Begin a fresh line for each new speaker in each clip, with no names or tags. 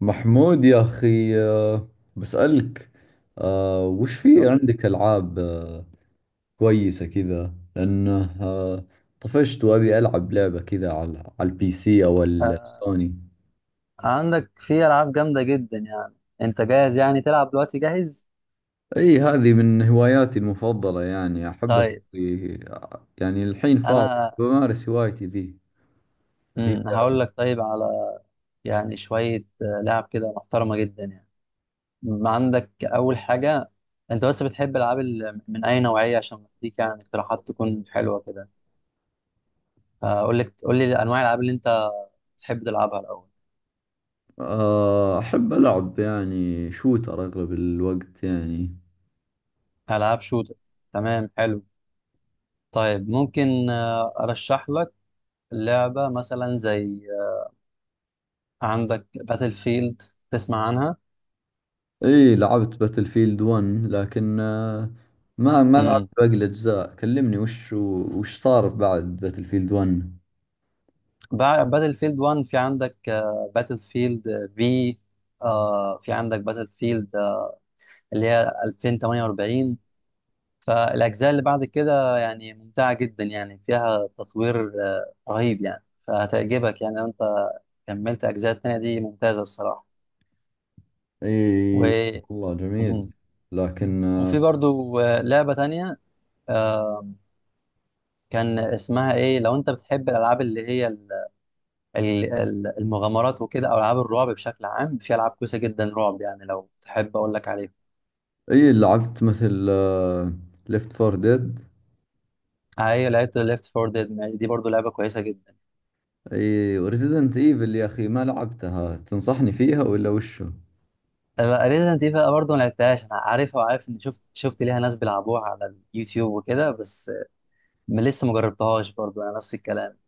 محمود يا أخي بسألك وش في
ايوه.
عندك ألعاب كويسة كذا لأنه طفشت وأبي ألعب لعبة كذا على البي سي أو
آه
السوني.
عندك في العاب جامده جدا يعني. انت جاهز يعني تلعب دلوقتي؟ جاهز؟
أي هذه من هواياتي المفضلة، يعني أحب أسوي،
طيب
يعني الحين فاضي
انا
بمارس هوايتي ذي اللي هي،
هقول لك. طيب على يعني شويه لعب كده محترمه جدا يعني. عندك اول حاجه، انت بس بتحب العاب من اي نوعيه عشان اديك يعني اقتراحات تكون حلوه كده؟ اقول لك، قول لي انواع الالعاب اللي انت بتحب تلعبها الاول.
أحب ألعب يعني شوتر أغلب الوقت يعني.
العاب شوتر، تمام حلو. طيب ممكن ارشح لك لعبه مثلا زي، عندك باتل فيلد، تسمع عنها؟
اي لعبت باتل فيلد 1، لكن ما لعبت
امم
باقي الاجزاء. كلمني وش صار بعد باتل فيلد 1.
باتل فيلد 1 في عندك باتل فيلد، في، في عندك باتل فيلد اللي هي 2048، فالاجزاء اللي بعد كده يعني ممتعه جدا يعني فيها تطوير رهيب يعني، فهتعجبك يعني لو انت كملت اجزاء التانية دي، ممتازه الصراحه. و
اي والله جميل،
مم.
لكن
وفي برضو لعبه تانية آه، كان اسمها ايه، لو انت بتحب الالعاب اللي هي المغامرات وكده، او العاب الرعب بشكل عام، في العاب كويسه جدا رعب يعني، لو تحب اقول لك عليها.
اي لعبت مثل ليفت فور ديد.
هي لعبت ليفت فور ديد، دي برضو لعبه كويسه جدا.
اي وريزيدنت ايفل يا اخي، ما لعبتها، تنصحني فيها ولا وشو؟
ريزنت ايفل برضه ما لعبتهاش، انا عارفها وعارف ان شفت ليها ناس بيلعبوها على اليوتيوب وكده، بس لسه ما جربتهاش برضه، انا نفس الكلام.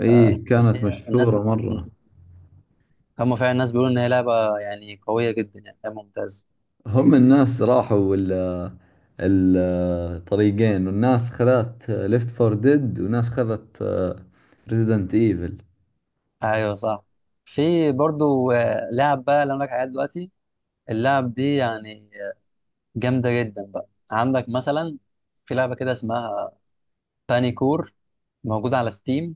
اي
بس
كانت
هي الناس،
مشهورة مرة.
مم. هم فعلا الناس بيقولوا ان هي لعبه يعني قويه جدا، يعني لعبة ممتازه.
هم الناس راحوا ال الطريقين، والناس خذت ليفت فور ديد وناس خذت ريزيدنت ايفل.
ايوه صح. في برضه لعب بقى اللي انا لك عليها دلوقتي، اللعب دي يعني جامده جدا بقى. عندك مثلا في لعبه كده اسمها بانيكور، موجوده على ستيم.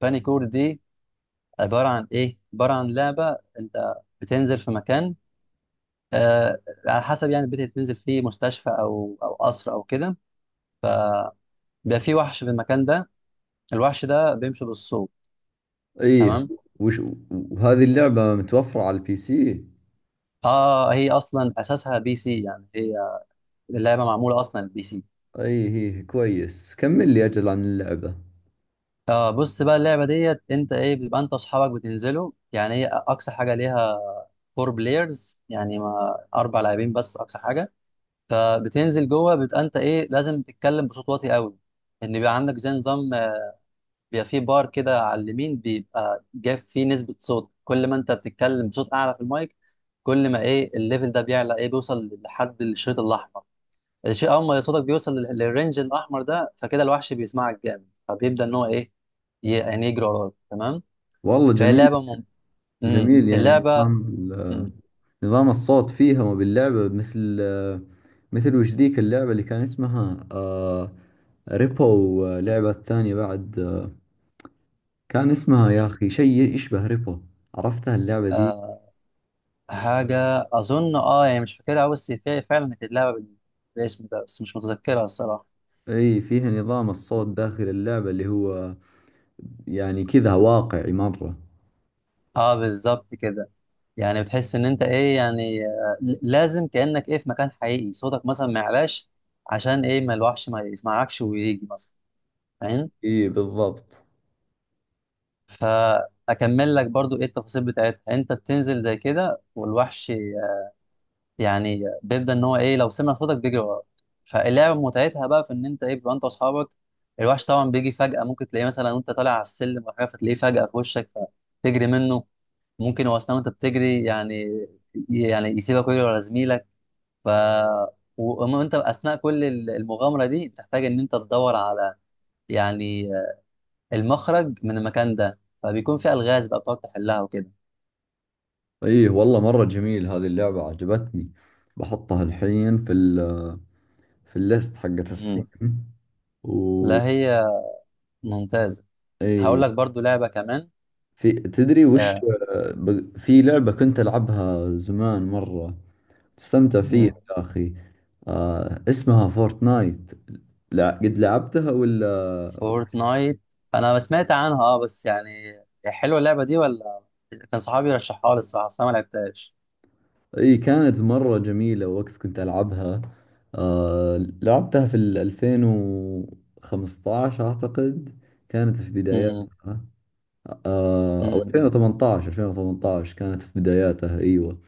بانيكور دي عباره عن ايه؟ عباره عن لعبه انت بتنزل في مكان، آه على حسب يعني البيت اللي بتنزل فيه، مستشفى او او قصر او كده، فبيبقى في وحش في المكان ده، الوحش ده بيمشي بالصوت.
ايه.
تمام.
وش وهذه اللعبة متوفرة على البي سي؟
اه، هي اصلا اساسها بي سي، يعني هي اللعبه معموله اصلا البي سي.
ايه ايه كويس، كمل لي اجل عن اللعبة.
اه بص بقى، اللعبه ديت انت ايه، بتبقى انت واصحابك بتنزلوا، يعني هي اقصى حاجه ليها فور بلايرز، يعني ما اربع لاعبين بس اقصى حاجه. فبتنزل جوه، بيبقى انت ايه لازم تتكلم بصوت واطي قوي. ان بيبقى عندك زي نظام بيبقى فيه بار كده على اليمين، بيبقى جاب فيه نسبه صوت، كل ما انت بتتكلم بصوت اعلى في المايك كل ما ايه الليفل ده بيعلى، ايه، بيوصل لحد الشريط الاحمر، الشيء اول ما صوتك بيوصل للرينج الاحمر ده فكده الوحش بيسمعك جامد، فبيبدا ان هو ايه يعني يجري وراك. تمام.
والله
فهي
جميل.
لعبه
جميل، يعني
اللعبه.
نظام ال-
مم.
نظام الصوت فيها، وباللعبة مثل مثل وش ذيك اللعبة اللي كان اسمها آه ريبو، لعبة ثانية بعد كان اسمها يا
مم.
أخي شيء يشبه ريبو، عرفتها اللعبة ذي؟
آه. حاجة أظن أه يعني مش فاكرها أوي، بس فعلا كانت اللعبة بالاسم ده، بس مش متذكرها الصراحة.
اي فيها نظام الصوت داخل اللعبة اللي هو يعني كذا واقعي مرة.
أه بالظبط كده، يعني بتحس إن أنت إيه، يعني لازم كأنك إيه في مكان حقيقي، صوتك مثلا ما يعلاش، عشان إيه ما الوحش ما يسمعكش ويجي مثلا، فاهم؟
اي بالضبط.
فأكمل لك برضو إيه التفاصيل بتاعتها. أنت بتنزل زي كده، والوحش يعني بيبدا ان هو ايه لو سمع صوتك بيجري وراك. فاللعبه متعتها بقى في ان انت ايه، بيبقى انت واصحابك، الوحش طبعا بيجي فجاه، ممكن تلاقيه مثلا وانت طالع على السلم ولا حاجه، فتلاقيه فجاه في وشك فتجري منه، ممكن هو اثناء وانت بتجري يعني يعني يسيبك ويجري ورا زميلك. ف وانت اثناء كل المغامره دي بتحتاج ان انت تدور على يعني المخرج من المكان ده، فبيكون في الغاز بقى بتقعد تحلها وكده.
اي والله مرة جميل هذه اللعبة، عجبتني، بحطها الحين في ال في الليست حقت ستيم.
مم.
و
لا هي ممتازه. هقول
اي،
لك برضو لعبه كمان.
في تدري وش،
آه.
ب- في لعبة كنت ألعبها زمان مرة، تستمتع فيها
مم.
يا أخي، آه اسمها فورتنايت، لا قد لعبتها ولا؟
فورتنايت، انا سمعت عنها اه، بس يعني هي حلوه اللعبه دي ولا؟ كان صحابي رشحها لي الصراحه، بس انا ما لعبتهاش.
اي كانت مرة جميلة وقت كنت ألعبها. آه لعبتها في ال 2015 أعتقد، كانت في
امم
بداياتها. آه أو
امم
2018، 2018 كانت في بداياتها، أيوة.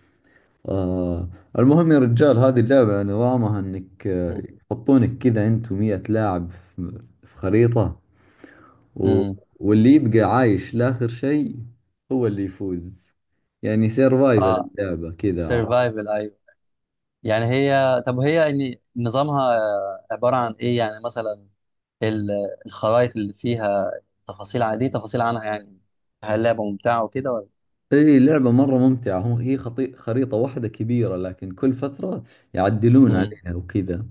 آه المهم يا رجال هذه اللعبة نظامها إنك،
امم
يحطونك كذا أنت ومية لاعب في خريطة. و...
أمم.
واللي يبقى عايش لآخر شيء هو اللي يفوز. يعني سيرفايفل
اه
اللعبة كذا.
سيرفايفل، ايوه. يعني هي، طب هي ان نظامها عباره عن ايه يعني؟ مثلا ال- الخرائط اللي فيها تفاصيل عن دي، تفاصيل عنها يعني، هل اللعبه ممتعه وكده ولا؟
اي لعبة مرة ممتعة، هم هي خريطة واحدة كبيرة، لكن كل فترة يعدلون
امم
عليها وكذا.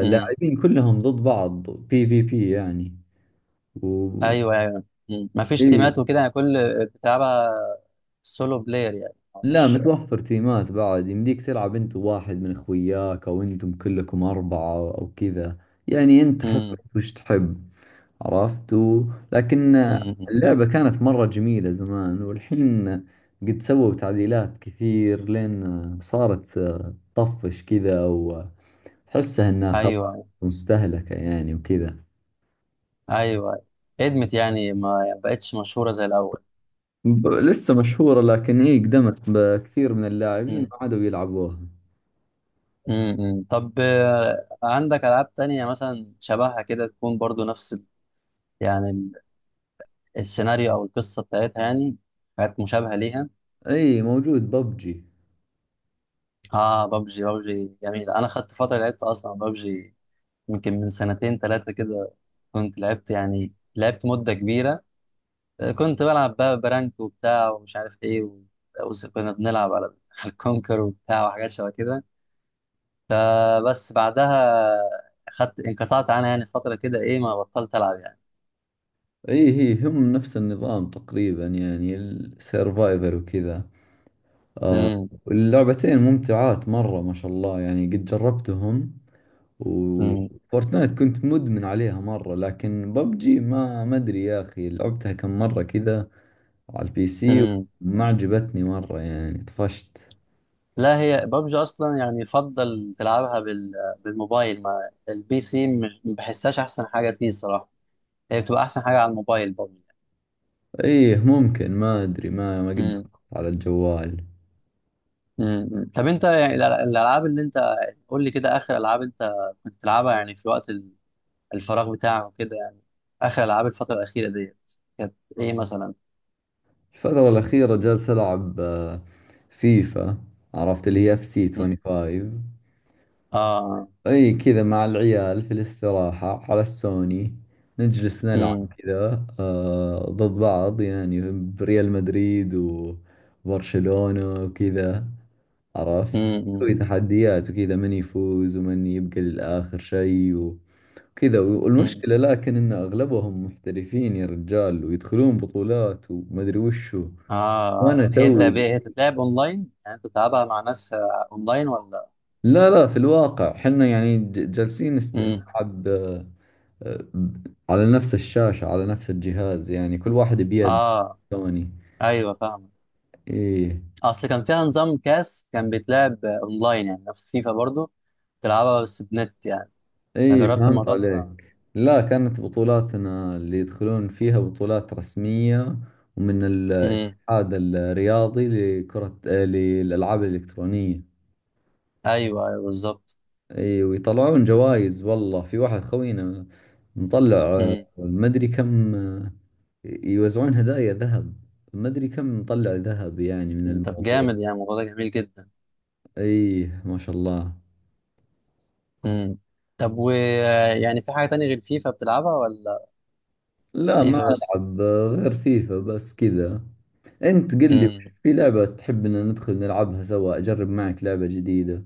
امم
كلهم ضد بعض، بي في بي يعني. و...
ايوه ايوه. أمم. مفيش
اي
تيمات وكده يعني، كل بتلعبها سولو بلاير يعني؟
لا
مش
متوفر تيمات، بعد يمديك تلعب انت وواحد من اخوياك او انتم كلكم اربعة او كذا. يعني انت حسب وش تحب، عرفت. و... لكن
امم
اللعبة كانت مرة جميلة زمان، والحين قد سووا تعديلات كثير لين صارت طفش كذا، وتحسها انها خلاص
ايوه
مستهلكة يعني وكذا.
ايوه. ادمت يعني، ما بقتش مشهوره زي الاول.
لسه مشهورة، لكن اي قدمت، بكثير من اللاعبين
امم
ما عادوا يلعبوها.
طب عندك العاب تانية مثلا شبهها كده، تكون برضو نفس يعني السيناريو او القصه بتاعتها يعني، حاجات مشابهه ليها؟
اي موجود ببجي.
اه بابجي، بابجي جميل. انا خدت فتره لعبت اصلا بابجي يمكن من سنتين ثلاثه كده، كنت لعبت يعني لعبت مده كبيره كنت بلعب بقى برانك وبتاع ومش عارف ايه و... وكنا بنلعب على على الكونكر وبتاع وحاجات شبه كده، فبس بعدها انقطعت عنها يعني فترة كده، ايه، ما بطلت العب يعني.
اي هي هم نفس النظام تقريبا، يعني السيرفايفر وكذا.
امم
واللعبتين ممتعات مرة ما شاء الله يعني، قد جربتهم.
امم
وفورتنايت كنت مدمن عليها مرة، لكن ببجي ما أدري يا أخي، لعبتها كم مرة كذا على البي سي،
امم
وما عجبتني مرة يعني، طفشت.
لا هي ببجي اصلا يعني يفضل تلعبها بالموبايل، ما البي سي ما بحسهاش احسن حاجة فيه الصراحة، هي بتبقى احسن حاجة على الموبايل ببجي.
إيه ممكن، ما أدري، ما قد جربت
امم
على الجوال.
طب انت يعني الالعاب اللي انت، قول لي كده اخر العاب انت كنت بتلعبها يعني في وقت الفراغ بتاعك وكده يعني، اخر العاب الفترة الأخيرة ديت كانت ايه مثلا؟
الفترة الأخيرة جالس ألعب فيفا، عرفت اللي هي اف سي
امم
25.
اه
اي كذا مع العيال في الاستراحة على السوني، نجلس نلعب كذا آه ضد بعض، يعني بريال مدريد وبرشلونة وكذا، عرفت. نسوي
امم
تحديات وكذا، من يفوز ومن يبقى للآخر شيء وكذا.
مم.
والمشكلة لكن إن أغلبهم محترفين يا رجال، ويدخلون بطولات ومدري وشو.
اه
وأنا
هي انت،
توي،
هي تتلعب اونلاين؟ يعني انت بتلعبها مع ناس اونلاين ولا؟
لا لا، في الواقع حنا يعني جالسين
امم
نلعب على نفس الشاشة على نفس الجهاز، يعني كل واحد بيد
اه
سوني.
ايوه فاهم.
ايه.
اصل كان فيها نظام كاس كان بيتلعب اونلاين، يعني نفس فيفا برضو تلعبها بس بنت يعني،
ايه
فجربت
فهمت
الموضوع ده انا.
عليك، لا كانت بطولاتنا اللي يدخلون فيها بطولات رسمية، ومن
امم
الاتحاد الرياضي لكرة للألعاب الإلكترونية.
ايوه ايوه بالظبط.
ايه ويطلعون جوائز، والله في واحد خوينا مطلع
امم
مدري كم يوزعون هدايا ذهب، مدري كم مطلع ذهب يعني من
طب
الموضوع.
جامد يعني، الموضوع ده جميل جدا.
ايه ما شاء الله.
امم طب و يعني في حاجة تانية غير فيفا بتلعبها ولا
لا ما
فيفا بس؟
ألعب غير فيفا بس كذا. أنت قل لي وش
امم
في لعبة تحبنا ندخل نلعبها سوا، أجرب معك لعبة جديدة.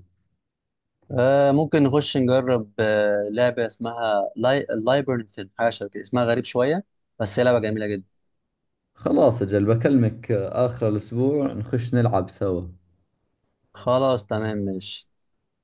آه ممكن نخش نجرب آه لعبة اسمها لايبرنث، حاجة شبه كده، اسمها غريب شوية، بس هي لعبة جميلة جدا.
خلاص أجل بكلمك آخر الأسبوع نخش نلعب سوا.
خلاص تمام ماشي.